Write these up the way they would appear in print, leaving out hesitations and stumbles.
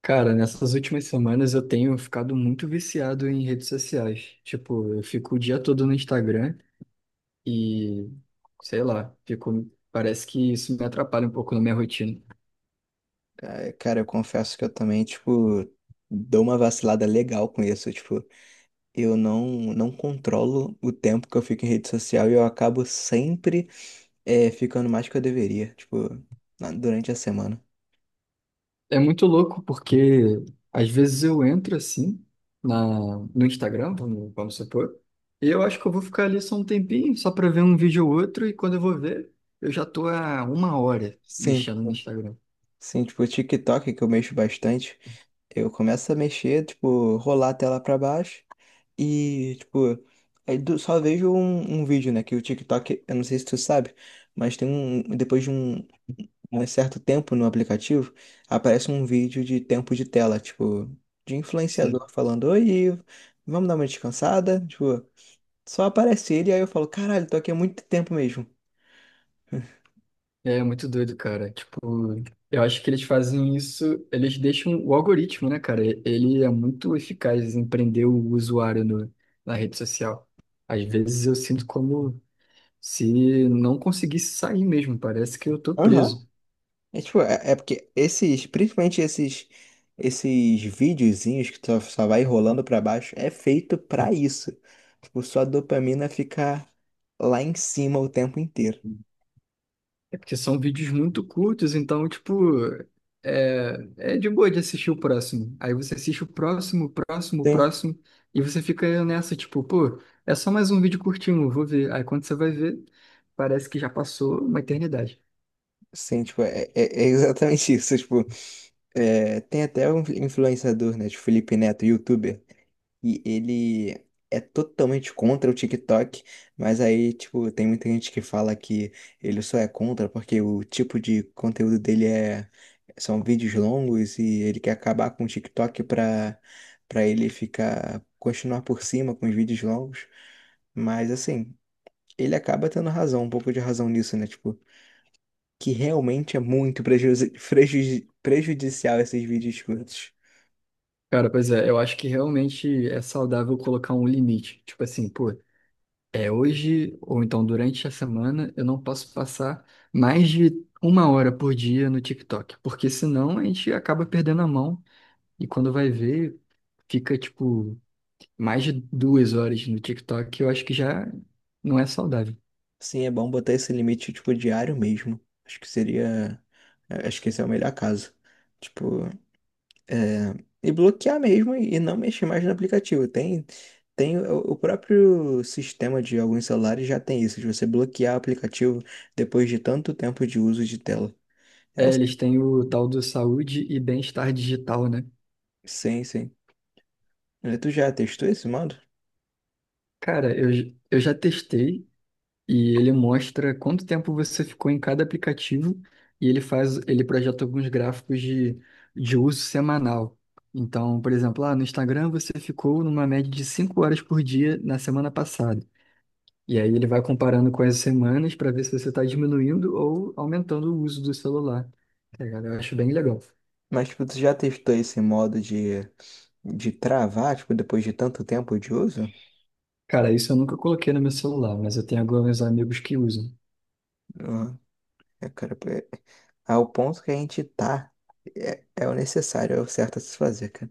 Cara, nessas últimas semanas eu tenho ficado muito viciado em redes sociais. Tipo, eu fico o dia todo no Instagram e, sei lá, fico, parece que isso me atrapalha um pouco na minha rotina. Ah, cara, eu confesso que eu também, tipo, dou uma vacilada legal com isso. Tipo, eu não controlo o tempo que eu fico em rede social e eu acabo sempre ficando mais que eu deveria, tipo, durante a semana. É muito louco porque às vezes eu entro assim no Instagram, vamos supor, e eu acho que eu vou ficar ali só um tempinho, só pra ver um vídeo ou outro, e quando eu vou ver, eu já tô há 1 hora Sim, mexendo no Instagram. sim, tipo, o TikTok que eu mexo bastante, eu começo a mexer, tipo, rolar a tela pra baixo e, tipo, só vejo um vídeo, né? Que o TikTok, eu não sei se tu sabe, mas tem um, depois de um certo tempo no aplicativo, aparece um vídeo de tempo de tela, tipo, de Sim. influenciador falando, oi, vamos dar uma descansada? Tipo, só aparece ele, aí eu falo, caralho, tô aqui há muito tempo mesmo. É muito doido, cara. Tipo, eu acho que eles fazem isso, eles deixam o algoritmo, né, cara? Ele é muito eficaz em prender o usuário no, na rede social. Às vezes eu sinto como se não conseguisse sair mesmo, parece que eu tô Aham. preso. É tipo, é porque esses, principalmente esses videozinhos que só vai rolando pra baixo, é feito pra isso. Tipo, sua dopamina ficar lá em cima o tempo inteiro. É porque são vídeos muito curtos, então, tipo, é de boa de assistir o próximo. Aí você assiste o próximo, o próximo, o Sim, próximo, e você fica nessa, tipo, pô, é só mais um vídeo curtinho, vou ver. Aí quando você vai ver, parece que já passou uma eternidade. sim, tipo, é exatamente isso, tipo. É, tem até um influenciador, né, de Felipe Neto, youtuber, e ele é totalmente contra o TikTok, mas aí, tipo, tem muita gente que fala que ele só é contra porque o tipo de conteúdo dele é são vídeos longos e ele quer acabar com o TikTok pra para ele ficar continuar por cima com os vídeos longos. Mas assim, ele acaba tendo razão, um pouco de razão nisso, né? Tipo, que realmente é muito prejudicial esses vídeos curtos. Cara, pois é, eu acho que realmente é saudável colocar um limite. Tipo assim, pô, é hoje, ou então durante a semana, eu não posso passar mais de 1 hora por dia no TikTok, porque senão a gente acaba perdendo a mão. E quando vai ver, fica tipo mais de 2 horas no TikTok, eu acho que já não é saudável. Sim, é bom botar esse limite, tipo, diário mesmo. Acho que seria. É, acho que esse é o melhor caso. Tipo, e bloquear mesmo e não mexer mais no aplicativo. Tem o próprio sistema de alguns celulares já tem isso, de você bloquear o aplicativo depois de tanto tempo de uso de tela. É o... É, eles têm o tal do saúde e bem-estar digital, né? Sim, sim. Tu já testou esse modo? Cara, eu, eu já testei e ele mostra quanto tempo você ficou em cada aplicativo e ele faz, ele projeta alguns gráficos de uso semanal. Então, por exemplo, lá no Instagram você ficou numa média de 5 horas por dia na semana passada. E aí ele vai comparando com as semanas para ver se você está diminuindo ou aumentando o uso do celular. Tá ligado? Eu acho bem legal. Mas, tipo, tu já testou esse modo de travar, tipo, depois de tanto tempo de uso? Cara, isso eu nunca coloquei no meu celular, mas eu tenho alguns amigos que usam. É, cara, é, ao ponto que a gente tá, é o necessário, é o certo a se fazer, cara.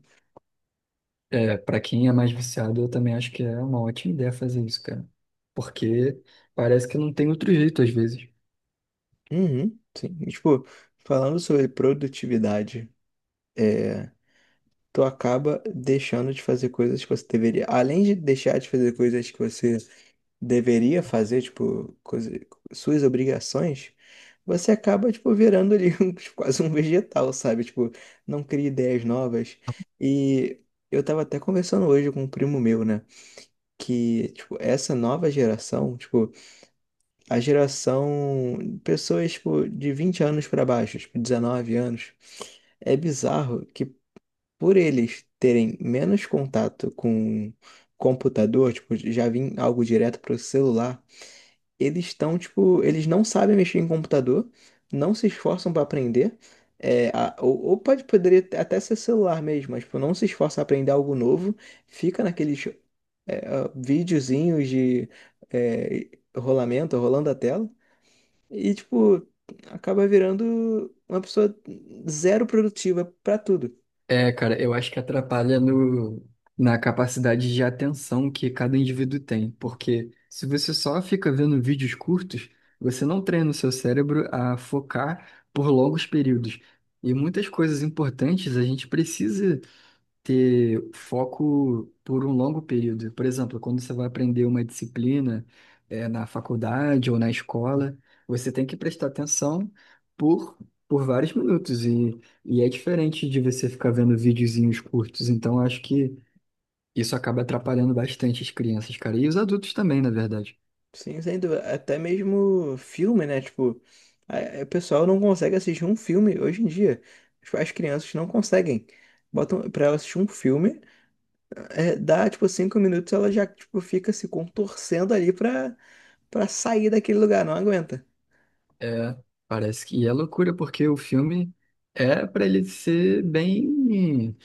É, para quem é mais viciado, eu também acho que é uma ótima ideia fazer isso, cara. Porque parece que não tem outro jeito às vezes. Uhum, sim. E, tipo, falando sobre produtividade, é, tu acaba deixando de fazer coisas que você deveria. Além de deixar de fazer coisas que você deveria fazer, tipo, coisa, suas obrigações, você acaba, tipo, virando ali tipo, quase um vegetal, sabe? Tipo, não cria ideias novas. E eu tava até conversando hoje com um primo meu, né? Que, tipo, essa nova geração, tipo, a geração pessoas, tipo, de 20 anos para baixo, tipo, 19 anos, é bizarro que por eles terem menos contato com computador, tipo, já vim algo direto pro celular, eles estão, tipo, eles não sabem mexer em computador, não se esforçam para aprender. É, ou poderia até ser celular mesmo, mas tipo, não se esforça a aprender algo novo, fica naqueles videozinhos de eh, rolamento, rolando a tela, e, tipo, acaba virando uma pessoa zero produtiva pra tudo. É, cara, eu acho que atrapalha no, na capacidade de atenção que cada indivíduo tem, porque se você só fica vendo vídeos curtos, você não treina o seu cérebro a focar por longos períodos. E muitas coisas importantes a gente precisa ter foco por um longo período. Por exemplo, quando você vai aprender uma disciplina, na faculdade ou na escola, você tem que prestar atenção por, por vários minutos. E é diferente de você ficar vendo videozinhos curtos. Então, acho que isso acaba atrapalhando bastante as crianças, cara. E os adultos também, na verdade. Sim, sem dúvida. Até mesmo filme, né? Tipo, o pessoal não consegue assistir um filme hoje em dia. Tipo, as crianças não conseguem. Botam pra ela assistir um filme, dá tipo cinco minutos, ela já tipo, fica se contorcendo ali pra, pra sair daquele lugar, não aguenta. É, parece que é loucura, porque o filme é para ele ser bem.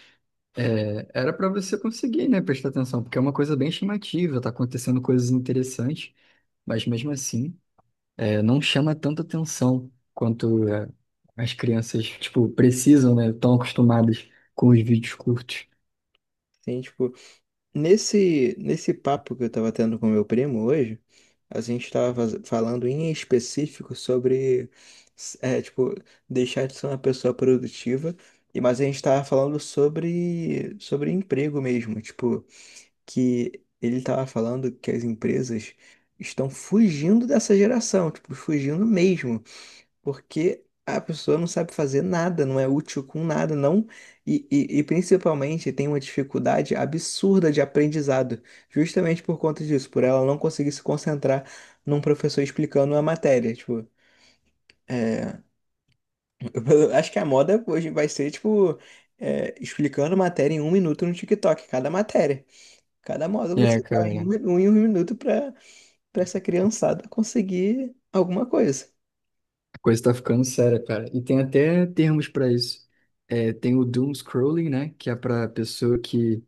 É, era para você conseguir, né, prestar atenção, porque é uma coisa bem chamativa, tá acontecendo coisas interessantes, mas mesmo assim, é, não chama tanta atenção quanto é, as crianças, tipo, precisam, né, estão acostumadas com os vídeos curtos. Sim, tipo. Nesse papo que eu estava tendo com meu primo hoje, a gente estava falando em específico sobre, é, tipo, deixar de ser uma pessoa produtiva, e mas a gente estava falando sobre emprego mesmo, tipo, que ele estava falando que as empresas estão fugindo dessa geração, tipo, fugindo mesmo. Porque a pessoa não sabe fazer nada, não é útil com nada, não. Principalmente tem uma dificuldade absurda de aprendizado, justamente por conta disso, por ela não conseguir se concentrar num professor explicando a matéria. Tipo, acho que a moda hoje vai ser, tipo, é, explicando matéria em um minuto no TikTok, cada matéria. Cada módulo É, você vai em cara, um em um minuto para para essa criançada conseguir alguma coisa. a coisa tá ficando séria, cara. E tem até termos para isso. É, tem o doom scrolling, né, que é para pessoa que.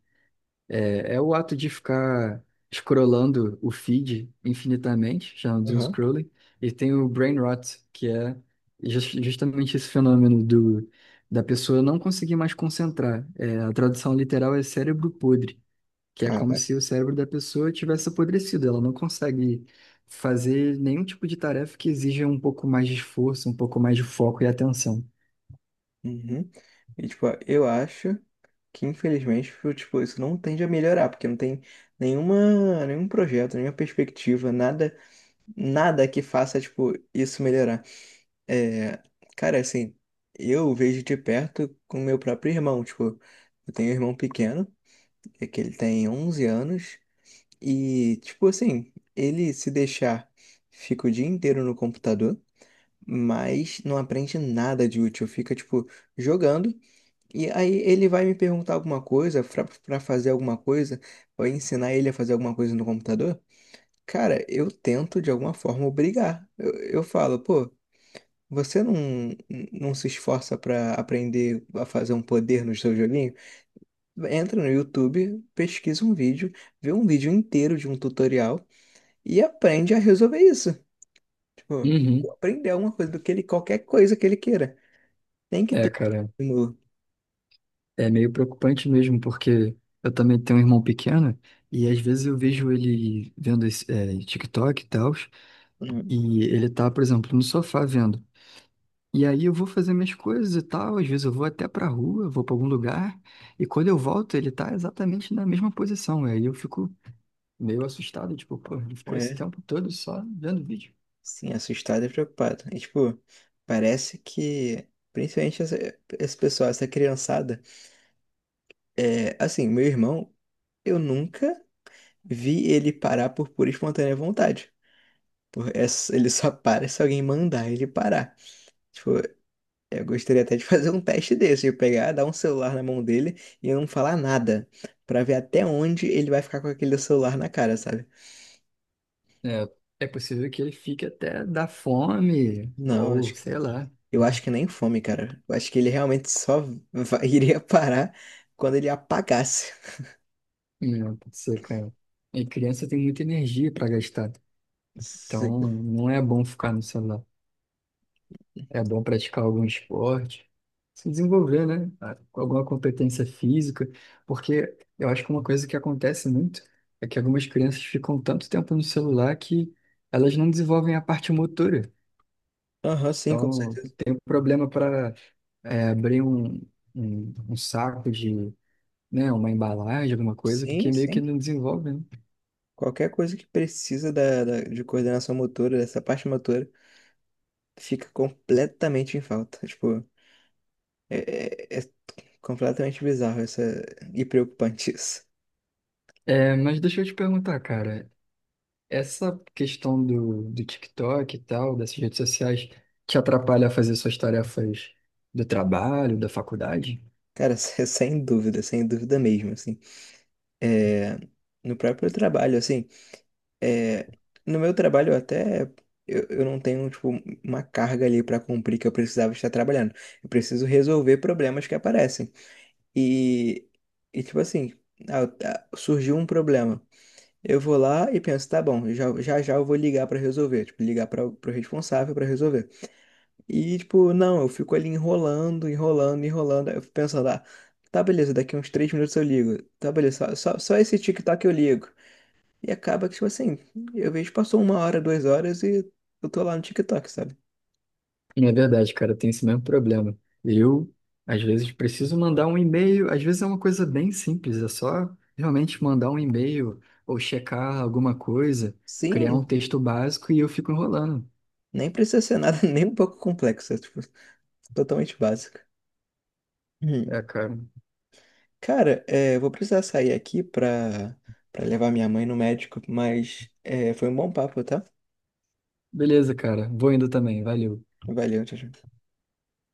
É, é o ato de ficar scrollando o feed infinitamente, chamado de um Uhum. scrolling, e tem o brain rot, que é justamente esse fenômeno do, da pessoa não conseguir mais concentrar. É, a tradução literal é cérebro podre, que é como Cara, se o cérebro da pessoa tivesse apodrecido, ela não consegue fazer nenhum tipo de tarefa que exija um pouco mais de esforço, um pouco mais de foco e atenção. uhum. E, tipo, eu acho que, infelizmente, tipo, isso não tende a melhorar, porque não tem nenhum projeto, nenhuma perspectiva, nada, nada que faça, tipo, isso melhorar. É, cara, assim, eu vejo de perto com meu próprio irmão, tipo, eu tenho um irmão pequeno, é que ele tem 11 anos, e, tipo, assim, ele se deixar, fica o dia inteiro no computador, mas não aprende nada de útil, fica, tipo, jogando e aí ele vai me perguntar alguma coisa, pra fazer alguma coisa, ou ensinar ele a fazer alguma coisa no computador. Cara, eu tento de alguma forma obrigar. Eu falo, pô, você não se esforça pra aprender a fazer um poder no seu joguinho? Entra no YouTube, pesquisa um vídeo, vê um vídeo inteiro de um tutorial e aprende a resolver isso. Tipo, Uhum. aprender alguma coisa do que ele, qualquer coisa que ele queira. Tem que É, ter cara, estímulo. é meio preocupante mesmo, porque eu também tenho um irmão pequeno e às vezes eu vejo ele vendo esse, é, TikTok e tal, Uhum. e ele tá, por exemplo, no sofá vendo. E aí eu vou fazer minhas coisas e tal, às vezes eu vou até pra rua, vou pra algum lugar, e quando eu volto ele tá exatamente na mesma posição. E aí eu fico meio assustado, tipo, pô, ele ficou esse É. tempo todo só vendo vídeo. Sim, assustado e preocupado. E, tipo, parece que, principalmente esse pessoal, essa criançada, é, assim, meu irmão, eu nunca vi ele parar por pura e espontânea vontade. Por, ele só para se alguém mandar ele parar. Tipo, eu gostaria até de fazer um teste desse, de pegar, dar um celular na mão dele e eu não falar nada, pra ver até onde ele vai ficar com aquele celular na cara, sabe? É, é possível que ele fique até da fome, Não, ou acho. sei lá, Eu acho que nem fome, cara. Eu acho que ele realmente só iria parar quando ele apagasse. né, pode ser, cara. E criança tem muita energia pra gastar. Sim. Então, não é bom ficar no celular. É bom praticar algum esporte, se desenvolver, né? Com alguma competência física, porque eu acho que uma coisa que acontece muito é que algumas crianças ficam tanto tempo no celular que elas não desenvolvem a parte motora. Aham, sim, com Então, certeza. tem um problema para abrir um saco de, né, uma embalagem, alguma coisa, Sim, porque meio que sim. não desenvolve, né? Qualquer coisa que precisa de coordenação motora, dessa parte motora, fica completamente em falta. Tipo, é, é completamente bizarro essa, e preocupante isso. É, mas deixa eu te perguntar, cara. Essa questão do, do TikTok e tal, dessas redes sociais, te atrapalha a fazer suas tarefas do trabalho, da faculdade? Cara, sem dúvida, sem dúvida mesmo, assim. É, no próprio trabalho, assim. É, no meu trabalho eu até eu não tenho tipo uma carga ali para cumprir que eu precisava estar trabalhando. Eu preciso resolver problemas que aparecem. E, e tipo assim, ah, ah, surgiu um problema. Eu vou lá e penso, tá bom, já eu vou ligar para resolver, tipo, ligar para o responsável para resolver. E tipo, não, eu fico ali enrolando, eu fico pensando, ah, tá beleza, daqui uns três minutos eu ligo. Tá beleza, só esse tic-tac eu ligo. E acaba que, tipo assim, eu vejo passou uma hora, duas horas e eu tô lá no TikTok, sabe? Não, é verdade, cara, tem esse mesmo problema. Eu, às vezes, preciso mandar um e-mail, às vezes é uma coisa bem simples, é só realmente mandar um e-mail ou checar alguma coisa, criar um Sim, texto básico e eu fico enrolando. nem precisa ser nada nem um pouco complexo, é, tipo, totalmente básico. Hum. É, cara. Cara, é, eu vou precisar sair aqui pra, pra levar minha mãe no médico, mas é, foi um bom papo, tá? Beleza, cara, vou indo também, valeu. Valeu, tchau, tchau.